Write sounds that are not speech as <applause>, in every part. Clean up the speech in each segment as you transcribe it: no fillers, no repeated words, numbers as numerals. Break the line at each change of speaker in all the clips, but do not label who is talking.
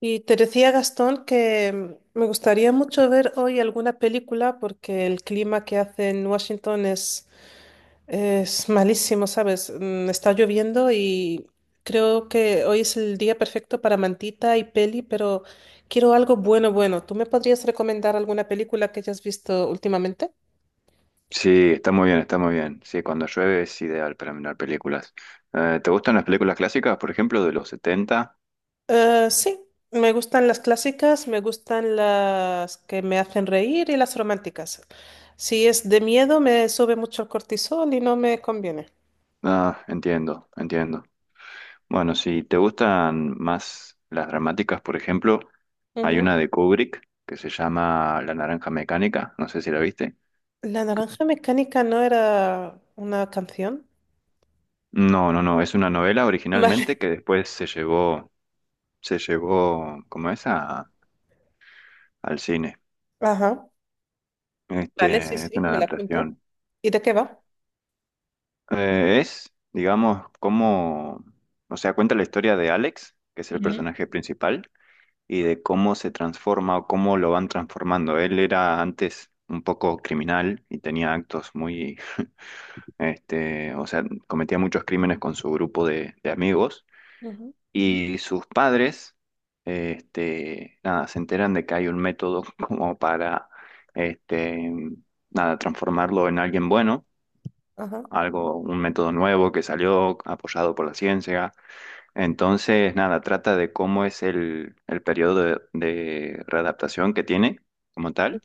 Y te decía, Gastón, que me gustaría mucho ver hoy alguna película porque el clima que hace en Washington es malísimo, ¿sabes? Está lloviendo y creo que hoy es el día perfecto para mantita y peli, pero quiero algo bueno, bueno. ¿Tú me podrías recomendar alguna película que hayas visto últimamente?
Sí, está muy bien, está muy bien. Sí, cuando llueve es ideal para mirar películas. ¿Te gustan las películas clásicas, por ejemplo, de los setenta?
Sí, me gustan las clásicas, me gustan las que me hacen reír y las románticas. Si es de miedo, me sube mucho el cortisol y no me conviene.
Ah, entiendo, entiendo. Bueno, si te gustan más las dramáticas, por ejemplo, hay
Ujú.
una de Kubrick que se llama La Naranja Mecánica, no sé si la viste.
La naranja mecánica no era una canción.
No, no, no, es una novela
<laughs> Vale.
originalmente que después se llevó, ¿cómo es? Al cine.
Ajá. Vale, sí,
Este, es
sí,
una
me la apunto.
adaptación.
¿Y de qué va?
Es, digamos, como, o sea, cuenta la historia de Alex, que es el
Ujú.
personaje principal, y de cómo se transforma o cómo lo van transformando. Él era antes un poco criminal y tenía actos muy, este, o sea, cometía muchos crímenes con su grupo de amigos.
Ujú,
Y sus padres, este, nada, se enteran de que hay un método <laughs> como para, este, nada, transformarlo en alguien bueno
ajá.
algo, un método nuevo que salió apoyado por la ciencia. Entonces, nada, trata de cómo es el periodo de readaptación que tiene como tal.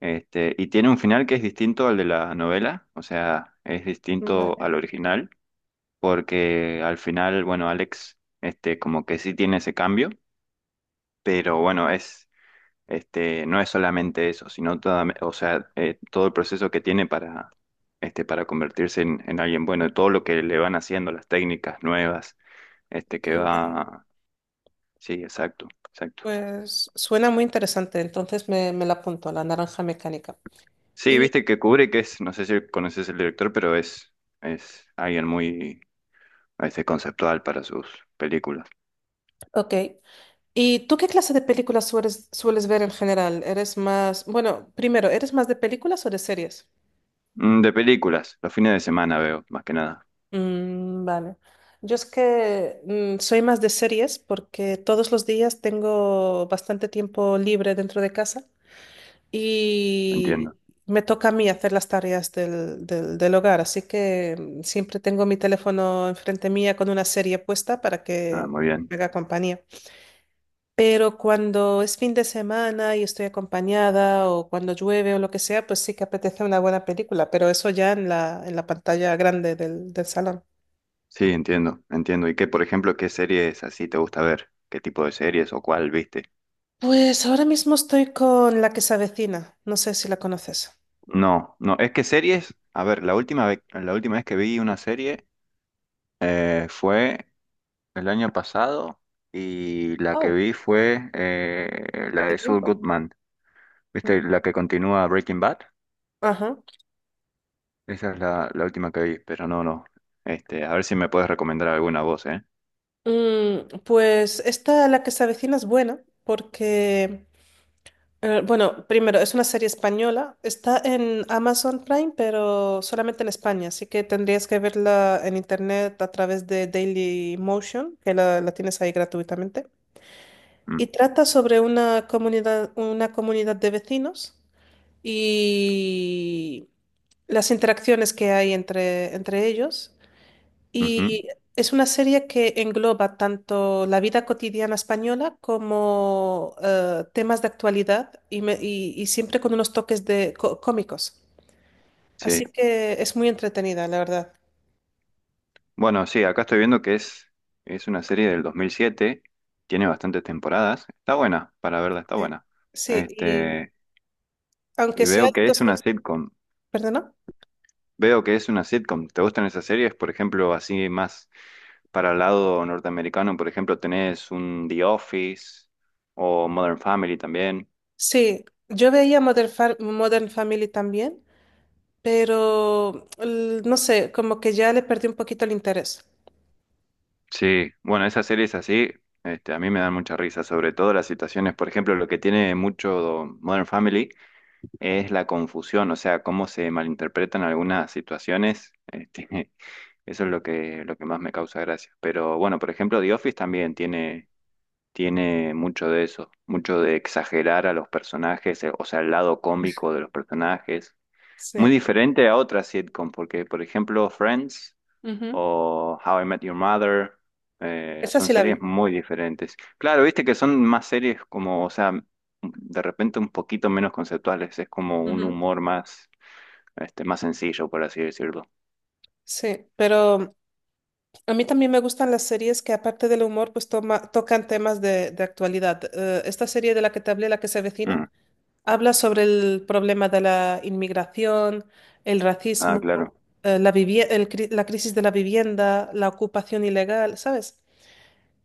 Este, y tiene un final que es distinto al de la novela, o sea, es
Ujú.
distinto
Vale.
al original, porque al final, bueno, Alex, este, como que sí tiene ese cambio, pero bueno, es este, no es solamente eso, sino toda, o sea, todo el proceso que tiene para, este, para convertirse en alguien bueno, y todo lo que le van haciendo, las técnicas nuevas, este,
Qué
que
bueno.
va. Sí, exacto, exacto.
Pues suena muy interesante, entonces me la apunto, la naranja mecánica.
Sí,
Y,
viste que Kubrick es, no sé si conoces el director, pero es alguien muy a veces conceptual para sus películas.
ok. ¿Y tú qué clase de películas sueles ver en general? ¿Eres más, bueno, primero, ¿eres más de películas o de series?
Mm, de películas, los fines de semana veo, más que nada.
Mm, vale. Yo es que soy más de series porque todos los días tengo bastante tiempo libre dentro de casa y
Entiendo.
me toca a mí hacer las tareas del hogar, así que siempre tengo mi teléfono enfrente mía con una serie puesta para
Ah,
que
muy bien.
me haga compañía. Pero cuando es fin de semana y estoy acompañada o cuando llueve o lo que sea, pues sí que apetece una buena película, pero eso ya en la pantalla grande del salón.
Sí, entiendo, entiendo. ¿Y qué, por ejemplo, qué series así te gusta ver? ¿Qué tipo de series o cuál viste?
Pues ahora mismo estoy con La que se avecina, no sé si la conoces.
No, no, es que series, a ver, la última vez que vi una serie fue el año pasado y la que
Oh,
vi fue la
de
de Saul
tiempo.
Goodman,
Ujú.
¿viste? La que continúa Breaking Bad,
Ajá.
esa es la última que vi, pero no, no, este, a ver si me puedes recomendar alguna voz, ¿eh?
Pues esta La que se avecina es buena porque bueno, primero, es una serie española. Está en Amazon Prime, pero solamente en España. Así que tendrías que verla en internet a través de Daily Motion, que la tienes ahí gratuitamente.
Mm,
Y trata sobre una comunidad de vecinos y las interacciones que hay entre ellos.
ujú,
Y es una serie que engloba tanto la vida cotidiana española como temas de actualidad y siempre con unos toques de cómicos.
sí,
Así que es muy entretenida, la verdad.
bueno, sí, acá estoy viendo que es una serie del 2007, tiene bastantes temporadas, está buena, para verla, está
Sí,
buena,
sí, y
este...
aunque
Y
sea
veo
de
que es
2000.
una sitcom.
¿Perdona?
Veo que es una sitcom. ¿Te gustan esas series? Por ejemplo, así más para el lado norteamericano, por ejemplo, tenés un The Office o Modern Family también.
Sí, yo veía Modern Family también, pero no sé, como que ya le perdí un poquito el interés.
Sí, bueno, esas series así, este, a mí me dan mucha risa, sobre todo las situaciones, por ejemplo, lo que tiene mucho Modern Family es la confusión, o sea, cómo se malinterpretan algunas situaciones. Este, <laughs> eso es lo que más me causa gracia. Pero bueno, por ejemplo, The Office también tiene mucho de eso, mucho de exagerar a los personajes, o sea, el lado cómico de los personajes. Muy
Sí.
diferente a otras sitcom, porque por ejemplo Friends
Ujú.
o How I Met Your Mother
Esa
son
sí la
series
vi.
muy diferentes. Claro, viste que son más series como, o sea, de repente un poquito menos conceptuales, es como un
Ujú.
humor más, este, más sencillo, por así decirlo.
Sí, pero a mí también me gustan las series que aparte del humor, pues tocan temas de actualidad. Esta serie de la que te hablé, la que se avecina,
Mm,
habla sobre el problema de la inmigración, el
ah,
racismo,
claro,
la crisis de la vivienda, la ocupación ilegal, ¿sabes?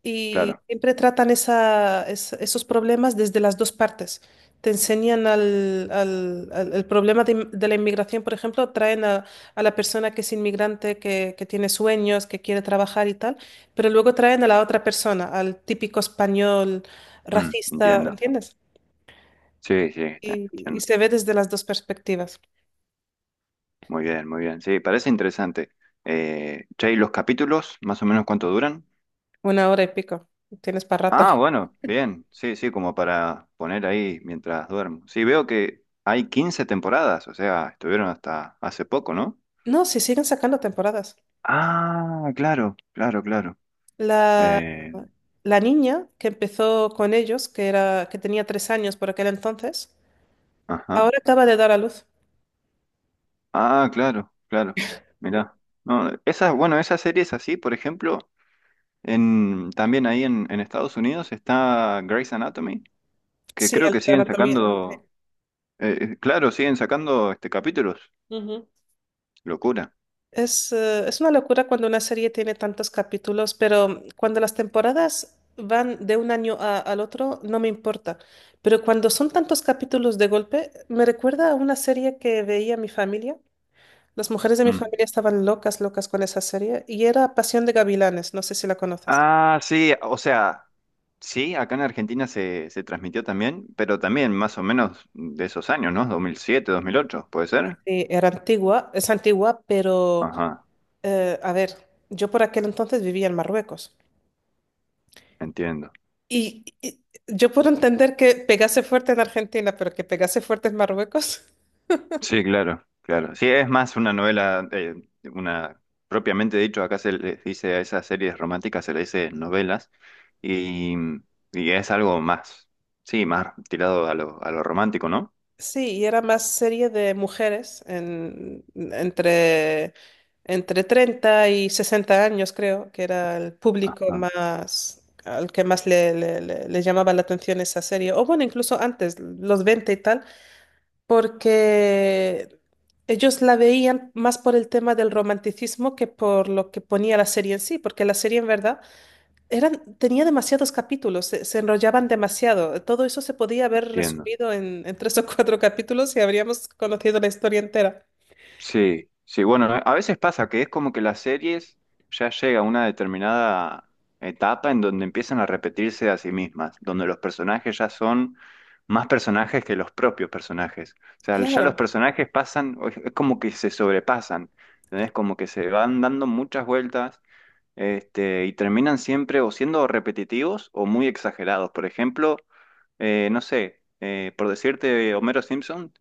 Y
claro.
siempre tratan esos problemas desde las dos partes. Te enseñan el problema de la inmigración, por ejemplo, traen a la persona que es inmigrante, que tiene sueños, que quiere trabajar y tal, pero luego traen a la otra persona, al típico español
Mm,
racista,
entiendo.
¿entiendes?
Sí, sí, está-
Y, y
entiendo.
se ve desde las dos perspectivas.
Muy bien, muy bien. Sí, parece interesante. Che, ¿y los capítulos, más o menos cuánto duran?
Una hora y pico. Tienes para rato.
Ah, bueno, bien. Sí, sí, como para poner ahí mientras duermo. Sí, veo que hay 15 temporadas, o sea, estuvieron hasta hace poco, ¿no?
No, si siguen sacando temporadas.
Ah, claro, claro, claro.
La,
Eh,
la niña que empezó con ellos, que era, que tenía 3 años por aquel entonces,
ajá.
ahora acaba de dar a luz.
Ah, claro, claro. Mirá. No, esa, bueno, esa serie es así, por ejemplo, también ahí en Estados Unidos está Grey's Anatomy, que
Sí,
creo
el
que siguen
drama también.
sacando. Claro, siguen sacando este capítulos.
Ujú.
Locura.
Es una locura cuando una serie tiene tantos capítulos, pero cuando las temporadas van de un año al otro, no me importa. Pero cuando son tantos capítulos de golpe, me recuerda a una serie que veía mi familia. Las mujeres de mi
Mm.
familia estaban locas, locas con esa serie, y era Pasión de Gavilanes, no sé si la conoces.
Ah, sí, o sea, sí, acá en, Argentina se transmitió también, pero también más o menos de esos años, ¿no? 2007, 2008, ¿puede ser?
Sí, era antigua, es antigua, pero
Ajá,
a ver, yo por aquel entonces vivía en Marruecos.
entiendo.
Y yo puedo entender que pegase fuerte en Argentina, pero que pegase fuerte en Marruecos. <laughs>
Sí, claro, claro. Sí, es más una novela, una, propiamente dicho, acá se les dice a esas series románticas, se le dice novelas, y, y es algo más, sí, más tirado a lo romántico, ¿no?
Sí, y era más serie de mujeres entre, entre 30 y 60 años, creo, que era el público
Ajá,
más, al que más le llamaba la atención esa serie. O bueno, incluso antes, los 20 y tal, porque ellos la veían más por el tema del romanticismo que por lo que ponía la serie en sí, porque la serie en verdad eran, tenía demasiados capítulos, se enrollaban demasiado. Todo eso se podía haber
entiendo.
resumido en tres o cuatro capítulos y habríamos conocido la historia entera.
Sí, sí, bueno, a veces pasa que es como que las series ya llega a una determinada etapa en donde empiezan a repetirse a sí mismas, donde los personajes ya son más personajes que los propios personajes. O sea, ya los
Claro,
personajes pasan, o es como que se sobrepasan, ¿entendés? Como que se van dando muchas vueltas, este, y terminan siempre o siendo repetitivos o muy exagerados. Por ejemplo, no sé, por decirte, Homero Simpson.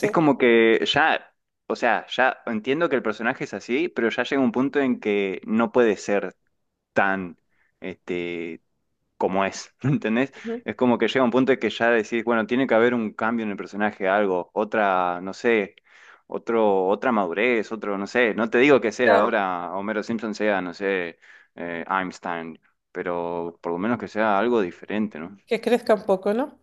Es como que ya, o sea, ya entiendo que el personaje es así, pero ya llega un punto en que no puede ser tan, este, como es, <laughs> ¿entendés?
Ujú,
Es como que llega un punto en que ya decís, bueno, tiene que haber un cambio en el personaje, algo, otra, no sé, otro, otra madurez, otro, no sé, no te digo que sea
claro,
ahora Homero Simpson sea, no sé, Einstein, pero por lo menos que sea algo diferente, ¿no?
que crezca un poco, ¿no?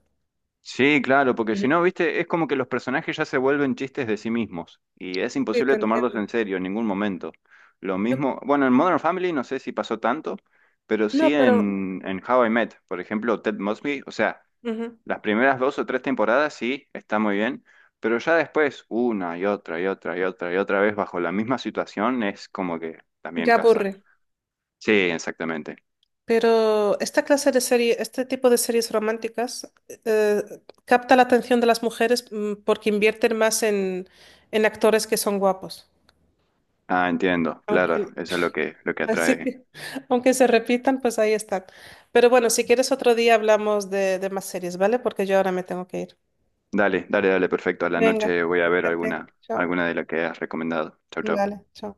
Sí, claro, porque si
Ujú.
no, viste, es como que los personajes ya se vuelven chistes de sí mismos y es
Sí, te
imposible tomarlos
entiendo.
en serio en ningún momento. Lo
Yo-
mismo, bueno, en Modern Family no sé si pasó tanto, pero sí
no, pero
en How I Met, por ejemplo, Ted Mosby, o sea,
ujú,
las primeras dos o tres temporadas sí, está muy bien, pero ya después, una y otra y otra y otra y otra vez bajo la misma situación, es como que también
ya
casa.
aburre.
Sí, exactamente.
Pero esta clase de serie, este tipo de series románticas eh, capta la atención de las mujeres porque invierten más en actores que son guapos.
Ah, entiendo, claro,
Aunque,
eso es lo que
así
atrae.
que, <laughs> aunque se repitan, pues ahí están. Pero bueno, si quieres otro día hablamos de más series, ¿vale? Porque yo ahora me tengo que ir.
Dale, dale, dale, perfecto. A la
Venga,
noche voy a ver
cuídate.
alguna,
Chao.
alguna de las que has recomendado. Chau, chau.
Vale, chao.